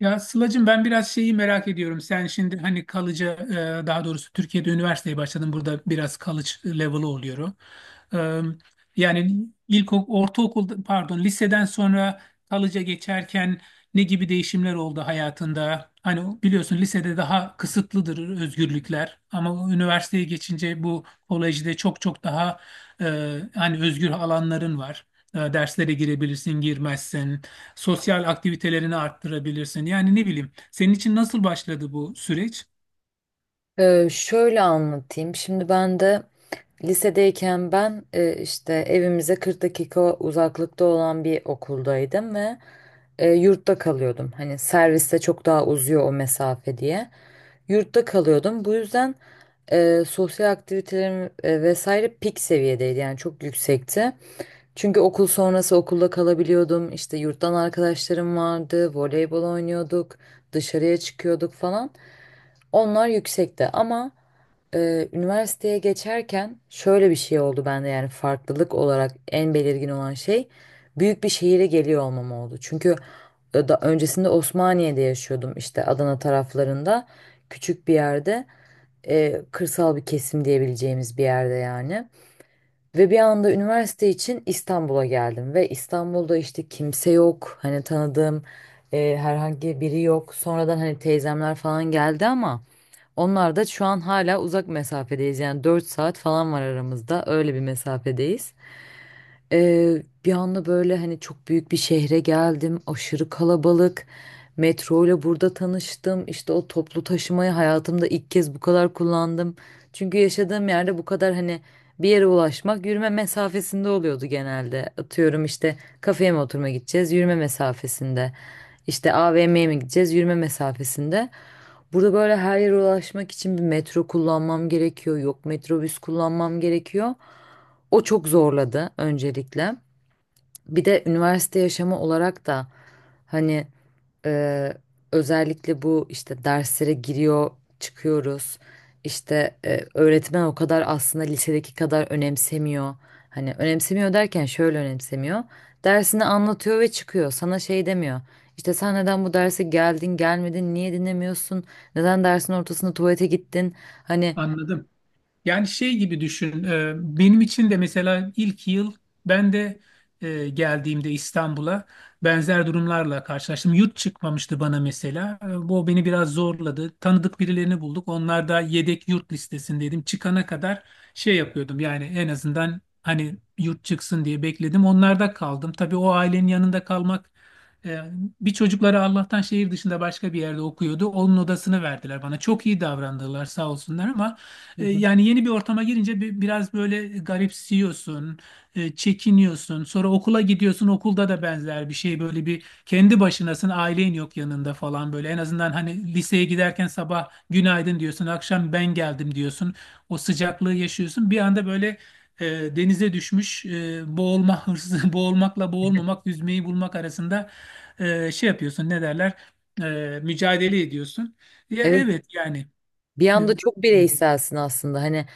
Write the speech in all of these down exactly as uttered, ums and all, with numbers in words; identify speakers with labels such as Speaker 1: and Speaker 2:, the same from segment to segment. Speaker 1: Ya Sıla'cığım ben biraz şeyi merak ediyorum. Sen şimdi hani kalıcı e, daha doğrusu Türkiye'de üniversiteye başladın. Burada biraz college level'ı oluyor. E, Yani ilk ok-, ortaokul pardon liseden sonra kalıca geçerken ne gibi değişimler oldu hayatında? Hani biliyorsun lisede daha kısıtlıdır özgürlükler ama üniversiteye geçince bu kolejde çok çok daha e, hani özgür alanların var. E, Derslere girebilirsin, girmezsin. Sosyal aktivitelerini arttırabilirsin. Yani ne bileyim, senin için nasıl başladı bu süreç?
Speaker 2: Ee, şöyle anlatayım. Şimdi ben de lisedeyken ben e, işte evimize kırk dakika uzaklıkta olan bir okuldaydım ve e, yurtta kalıyordum. Hani serviste çok daha uzuyor o mesafe diye. Yurtta kalıyordum. Bu yüzden e, sosyal aktivitelerim e, vesaire pik seviyedeydi. Yani çok yüksekti. Çünkü okul sonrası okulda kalabiliyordum. İşte yurttan arkadaşlarım vardı. Voleybol oynuyorduk. Dışarıya çıkıyorduk falan. Onlar yüksekti ama... Ee, üniversiteye geçerken şöyle bir şey oldu bende, yani farklılık olarak en belirgin olan şey büyük bir şehire geliyor olmam oldu. Çünkü e, da öncesinde Osmaniye'de yaşıyordum, işte Adana taraflarında küçük bir yerde, e, kırsal bir kesim diyebileceğimiz bir yerde yani. Ve bir anda üniversite için İstanbul'a geldim ve İstanbul'da işte kimse yok, hani tanıdığım e, herhangi biri yok. Sonradan hani teyzemler falan geldi ama. Onlar da şu an hala uzak mesafedeyiz. Yani dört saat falan var aramızda. Öyle bir mesafedeyiz. Ee, bir anda böyle hani çok büyük bir şehre geldim. Aşırı kalabalık. Metro ile burada tanıştım. İşte o toplu taşımayı hayatımda ilk kez bu kadar kullandım. Çünkü yaşadığım yerde bu kadar hani bir yere ulaşmak yürüme mesafesinde oluyordu genelde. Atıyorum işte kafeye mi oturma gideceğiz, yürüme mesafesinde. İşte A V M'ye mi gideceğiz, yürüme mesafesinde. Burada böyle her yere ulaşmak için bir metro kullanmam gerekiyor. Yok, metrobüs kullanmam gerekiyor. O çok zorladı öncelikle. Bir de üniversite yaşamı olarak da hani e, özellikle bu işte derslere giriyor, çıkıyoruz. İşte e, öğretmen o kadar aslında lisedeki kadar önemsemiyor. Hani önemsemiyor derken şöyle önemsemiyor. Dersini anlatıyor ve çıkıyor. Sana şey demiyor. İşte sen neden bu derse geldin, gelmedin, niye dinlemiyorsun? Neden dersin ortasında tuvalete gittin? Hani.
Speaker 1: Anladım. Yani şey gibi düşün. e, Benim için de mesela ilk yıl ben de e, geldiğimde İstanbul'a benzer durumlarla karşılaştım. Yurt çıkmamıştı bana mesela. E, Bu beni biraz zorladı. Tanıdık birilerini bulduk. Onlar da yedek yurt listesindeydim. Çıkana kadar şey yapıyordum. Yani en azından hani yurt çıksın diye bekledim. Onlarda kaldım. Tabii o ailenin yanında kalmak e, bir çocukları Allah'tan şehir dışında başka bir yerde okuyordu. Onun odasını verdiler bana. Çok iyi davrandılar sağ olsunlar ama
Speaker 2: Hı
Speaker 1: e,
Speaker 2: hı.
Speaker 1: yani yeni bir ortama girince bi- biraz böyle garipsiyorsun, e, çekiniyorsun. Sonra okula gidiyorsun, okulda da benzer bir şey. Böyle bir kendi başınasın, ailen yok yanında falan böyle. En azından hani liseye giderken sabah günaydın diyorsun, akşam ben geldim diyorsun. O sıcaklığı yaşıyorsun. Bir anda böyle e, denize düşmüş, e, boğulma hırsı, boğulmakla boğulmamak, yüzmeyi bulmak arasında e, şey yapıyorsun, ne derler? E, mücadele ediyorsun. Ya
Speaker 2: Evet.
Speaker 1: evet yani.
Speaker 2: Bir
Speaker 1: E,
Speaker 2: anda çok bireyselsin aslında. Hani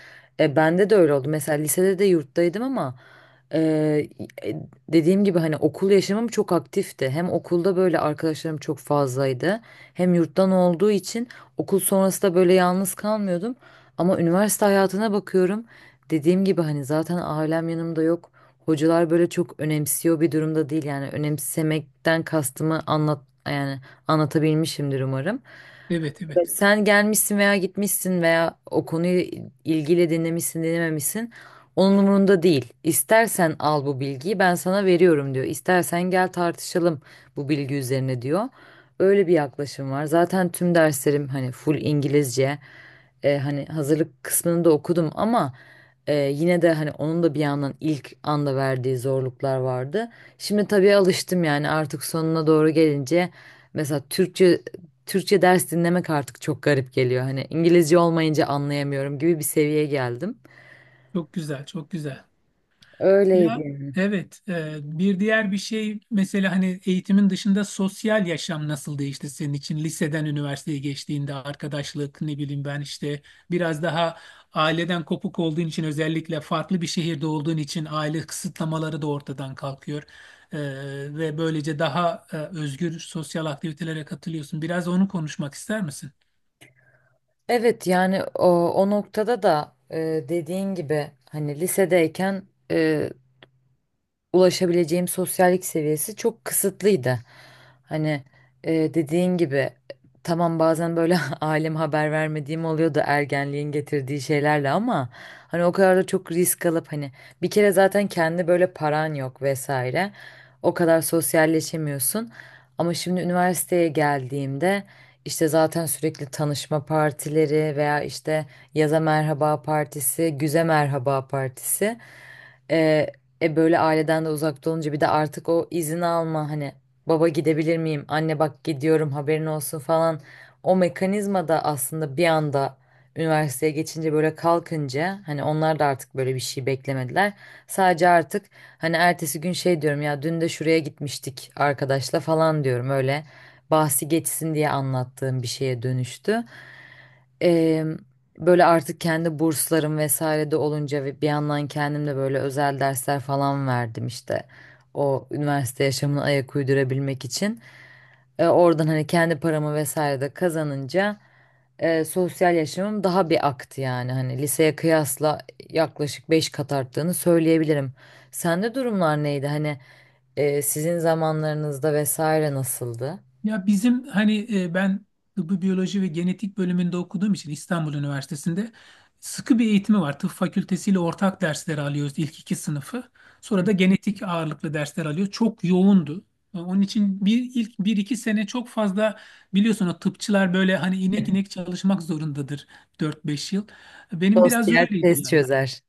Speaker 2: e, bende de öyle oldu. Mesela lisede de yurttaydım ama, e, e, dediğim gibi, hani okul yaşamım çok aktifti. Hem okulda böyle arkadaşlarım çok fazlaydı. Hem yurttan olduğu için okul sonrası da böyle yalnız kalmıyordum. Ama üniversite hayatına bakıyorum. Dediğim gibi, hani zaten ailem yanımda yok. Hocalar böyle çok önemsiyor bir durumda değil. Yani önemsemekten kastımı anlat, yani anlatabilmişimdir umarım.
Speaker 1: Evet,
Speaker 2: Evet,
Speaker 1: evet.
Speaker 2: sen gelmişsin veya gitmişsin veya o konuyu ilgiyle dinlemişsin, dinlememişsin. Onun umurunda değil. İstersen al bu bilgiyi, ben sana veriyorum diyor. İstersen gel tartışalım bu bilgi üzerine, diyor. Öyle bir yaklaşım var. Zaten tüm derslerim hani full İngilizce. E, hani hazırlık kısmını da okudum ama e, yine de hani onun da bir yandan ilk anda verdiği zorluklar vardı. Şimdi tabii alıştım, yani artık sonuna doğru gelince mesela Türkçe Türkçe ders dinlemek artık çok garip geliyor. Hani İngilizce olmayınca anlayamıyorum gibi bir seviyeye geldim.
Speaker 1: Çok güzel, çok güzel.
Speaker 2: Öyleydi
Speaker 1: Ya
Speaker 2: yani.
Speaker 1: evet, e, bir diğer bir şey mesela hani eğitimin dışında sosyal yaşam nasıl değişti senin için? Liseden üniversiteye geçtiğinde arkadaşlık ne bileyim ben işte biraz daha aileden kopuk olduğun için özellikle farklı bir şehirde olduğun için aile kısıtlamaları da ortadan kalkıyor. E, ve böylece daha e, özgür sosyal aktivitelere katılıyorsun. Biraz onu konuşmak ister misin?
Speaker 2: Evet, yani o, o noktada da e, dediğin gibi hani lisedeyken e, ulaşabileceğim sosyallik seviyesi çok kısıtlıydı. Hani e, dediğin gibi, tamam bazen böyle aileme haber vermediğim oluyordu ergenliğin getirdiği şeylerle ama hani o kadar da çok risk alıp hani, bir kere zaten kendi böyle paran yok vesaire. O kadar sosyalleşemiyorsun. Ama şimdi üniversiteye geldiğimde, işte zaten sürekli tanışma partileri veya işte yaza merhaba partisi, güze merhaba partisi. e, e böyle aileden de uzakta olunca, bir de artık o izin alma, hani baba gidebilir miyim, anne bak gidiyorum haberin olsun falan. O mekanizma da aslında bir anda üniversiteye geçince böyle kalkınca, hani onlar da artık böyle bir şey beklemediler. Sadece artık hani ertesi gün şey diyorum ya, dün de şuraya gitmiştik arkadaşla falan diyorum, öyle bahsi geçsin diye anlattığım bir şeye dönüştü. Eee, böyle artık kendi burslarım vesaire de olunca ve bir yandan kendim de böyle özel dersler falan verdim işte. O üniversite yaşamını ayak uydurabilmek için. E, oradan hani kendi paramı vesaire de kazanınca e, sosyal yaşamım daha bir aktı yani. Hani liseye kıyasla yaklaşık beş kat arttığını söyleyebilirim. Sende durumlar neydi? Hani e, sizin zamanlarınızda vesaire nasıldı?
Speaker 1: Ya bizim hani e, ben tıbbi biyoloji ve genetik bölümünde okuduğum için İstanbul Üniversitesi'nde sıkı bir eğitimi var. Tıp fakültesiyle ortak dersleri alıyoruz ilk iki sınıfı.
Speaker 2: Hı.
Speaker 1: Sonra da genetik ağırlıklı dersler alıyor. Çok yoğundu. E, Onun için bir ilk bir iki sene çok fazla biliyorsun o tıpçılar böyle hani inek inek çalışmak zorundadır dört beş yıl. Benim
Speaker 2: Dost
Speaker 1: biraz
Speaker 2: yer
Speaker 1: öyleydi
Speaker 2: test
Speaker 1: yani.
Speaker 2: çözer.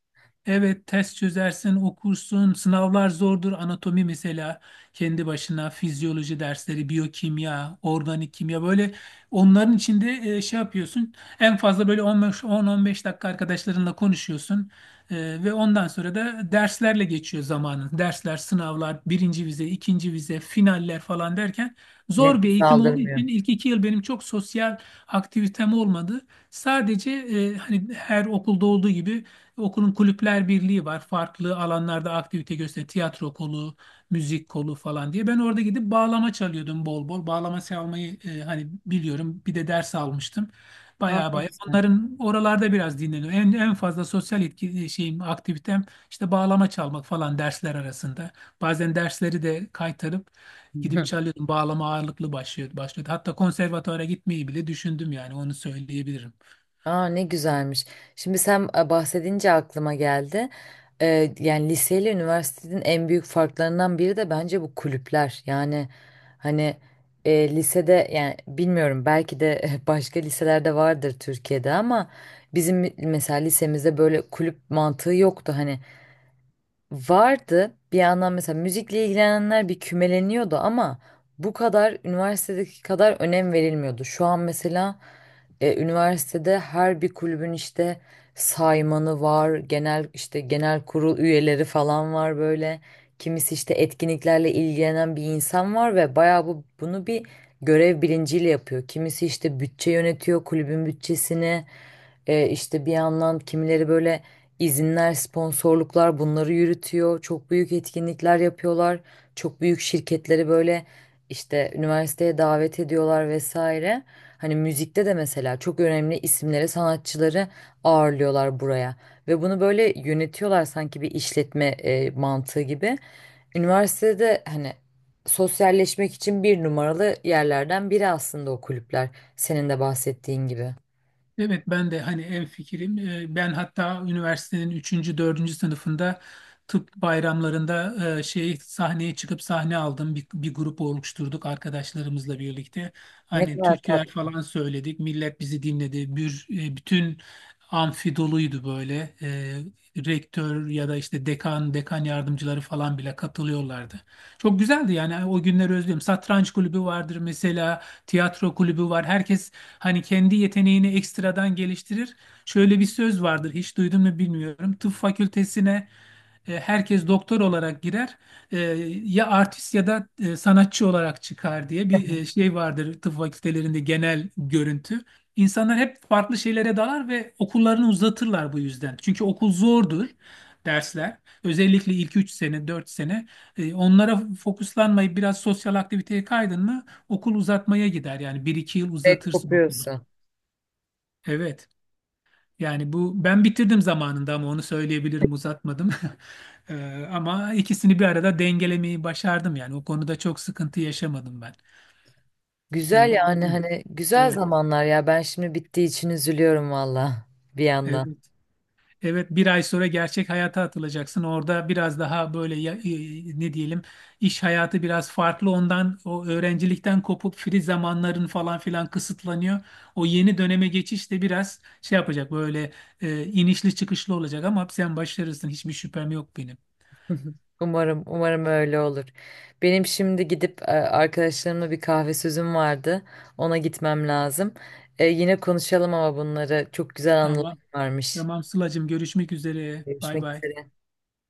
Speaker 1: Evet, test çözersin, okursun. Sınavlar zordur. Anatomi mesela kendi başına, fizyoloji dersleri, biyokimya, organik kimya böyle onların içinde e, şey yapıyorsun. En fazla böyle on beş on on beş dakika arkadaşlarınla konuşuyorsun. E, ve ondan sonra da derslerle geçiyor zamanın. Dersler, sınavlar, birinci vize, ikinci vize, finaller falan derken zor bir
Speaker 2: Nefes
Speaker 1: eğitim olduğu
Speaker 2: aldırmıyor.
Speaker 1: için ilk iki yıl benim çok sosyal aktivitem olmadı. Sadece e, hani her okulda olduğu gibi okulun kulüpler birliği var. Farklı alanlarda aktivite gösteren tiyatro kolu, müzik kolu falan diye. Ben orada gidip bağlama çalıyordum bol bol. Bağlama çalmayı e, hani biliyorum. Bir de ders almıştım.
Speaker 2: Aa,
Speaker 1: Baya
Speaker 2: ne
Speaker 1: baya.
Speaker 2: güzel.
Speaker 1: Onların oralarda biraz dinleniyor. En, en fazla sosyal etki, e, şeyim, aktivitem işte bağlama çalmak falan dersler arasında. Bazen dersleri de kaytarıp gidip
Speaker 2: Hı.
Speaker 1: çalıyordum. Bağlama ağırlıklı başlıyordu, başlıyordu. Hatta konservatuvara gitmeyi bile düşündüm yani onu söyleyebilirim.
Speaker 2: Aa, ne güzelmiş. Şimdi sen e, bahsedince aklıma geldi. Ee, yani liseyle üniversitenin en büyük farklarından biri de bence bu kulüpler. Yani hani e, lisede, yani bilmiyorum belki de başka liselerde vardır Türkiye'de ama bizim mesela lisemizde böyle kulüp mantığı yoktu. Hani vardı bir yandan, mesela müzikle ilgilenenler bir kümeleniyordu ama bu kadar üniversitedeki kadar önem verilmiyordu. Şu an mesela e, üniversitede her bir kulübün işte saymanı var, genel işte genel kurul üyeleri falan var böyle. Kimisi işte etkinliklerle ilgilenen bir insan var ve bayağı bu bunu bir görev bilinciyle yapıyor. Kimisi işte bütçe yönetiyor, kulübün bütçesini. E, işte bir yandan kimileri böyle izinler, sponsorluklar bunları yürütüyor. Çok büyük etkinlikler yapıyorlar. Çok büyük şirketleri böyle işte üniversiteye davet ediyorlar vesaire. Hani müzikte de mesela çok önemli isimleri, sanatçıları ağırlıyorlar buraya. Ve bunu böyle yönetiyorlar, sanki bir işletme e, mantığı gibi. Üniversitede hani sosyalleşmek için bir numaralı yerlerden biri aslında o kulüpler. Senin de bahsettiğin gibi.
Speaker 1: Evet ben de hani en fikrim. Ee, Ben hatta üniversitenin üçüncü dördüncü sınıfında tıp bayramlarında e, şey sahneye çıkıp sahne aldım. Bir, bir grup oluşturduk arkadaşlarımızla birlikte.
Speaker 2: Ne
Speaker 1: Hani
Speaker 2: kadar.
Speaker 1: türküler falan söyledik. Millet bizi dinledi. Bir, e, bütün amfi doluydu böyle. E, rektör ya da işte dekan, dekan yardımcıları falan bile katılıyorlardı. Çok güzeldi yani o günleri özlüyorum. Satranç kulübü vardır mesela tiyatro kulübü var. Herkes hani kendi yeteneğini ekstradan geliştirir. Şöyle bir söz vardır, hiç duydun mu bilmiyorum. Tıp fakültesine e, herkes doktor olarak girer. E, Ya artist ya da e, sanatçı olarak çıkar diye bir e, şey vardır tıp fakültelerinde genel görüntü. İnsanlar hep farklı şeylere dalar ve okullarını uzatırlar bu yüzden. Çünkü okul zordur dersler. Özellikle ilk üç sene, dört sene. E, Onlara fokuslanmayıp biraz sosyal aktiviteye kaydın mı okul uzatmaya gider yani bir iki yıl
Speaker 2: Evet,
Speaker 1: uzatırsın okulu.
Speaker 2: kopuyorsun.
Speaker 1: Evet. Yani bu ben bitirdim zamanında ama onu söyleyebilirim uzatmadım. Ee, ama ikisini bir arada dengelemeyi başardım yani o konuda çok sıkıntı yaşamadım ben.
Speaker 2: Güzel, yani
Speaker 1: Ee,
Speaker 2: hani güzel
Speaker 1: Evet.
Speaker 2: zamanlar ya. Ben şimdi bittiği için üzülüyorum valla bir yandan.
Speaker 1: Evet. Evet bir ay sonra gerçek hayata atılacaksın. Orada biraz daha böyle ya- e, ne diyelim iş hayatı biraz farklı ondan o öğrencilikten kopup free zamanların falan filan kısıtlanıyor. O yeni döneme geçiş de biraz şey yapacak böyle e, inişli çıkışlı olacak ama sen başarırsın hiçbir şüphem yok benim.
Speaker 2: Umarım, umarım öyle olur. Benim şimdi gidip e, arkadaşlarımla bir kahve sözüm vardı. Ona gitmem lazım. E, yine konuşalım ama, bunları çok güzel anılar
Speaker 1: Tamam.
Speaker 2: varmış.
Speaker 1: Tamam Sıla'cığım görüşmek üzere. Bay
Speaker 2: Görüşmek
Speaker 1: bay.
Speaker 2: üzere.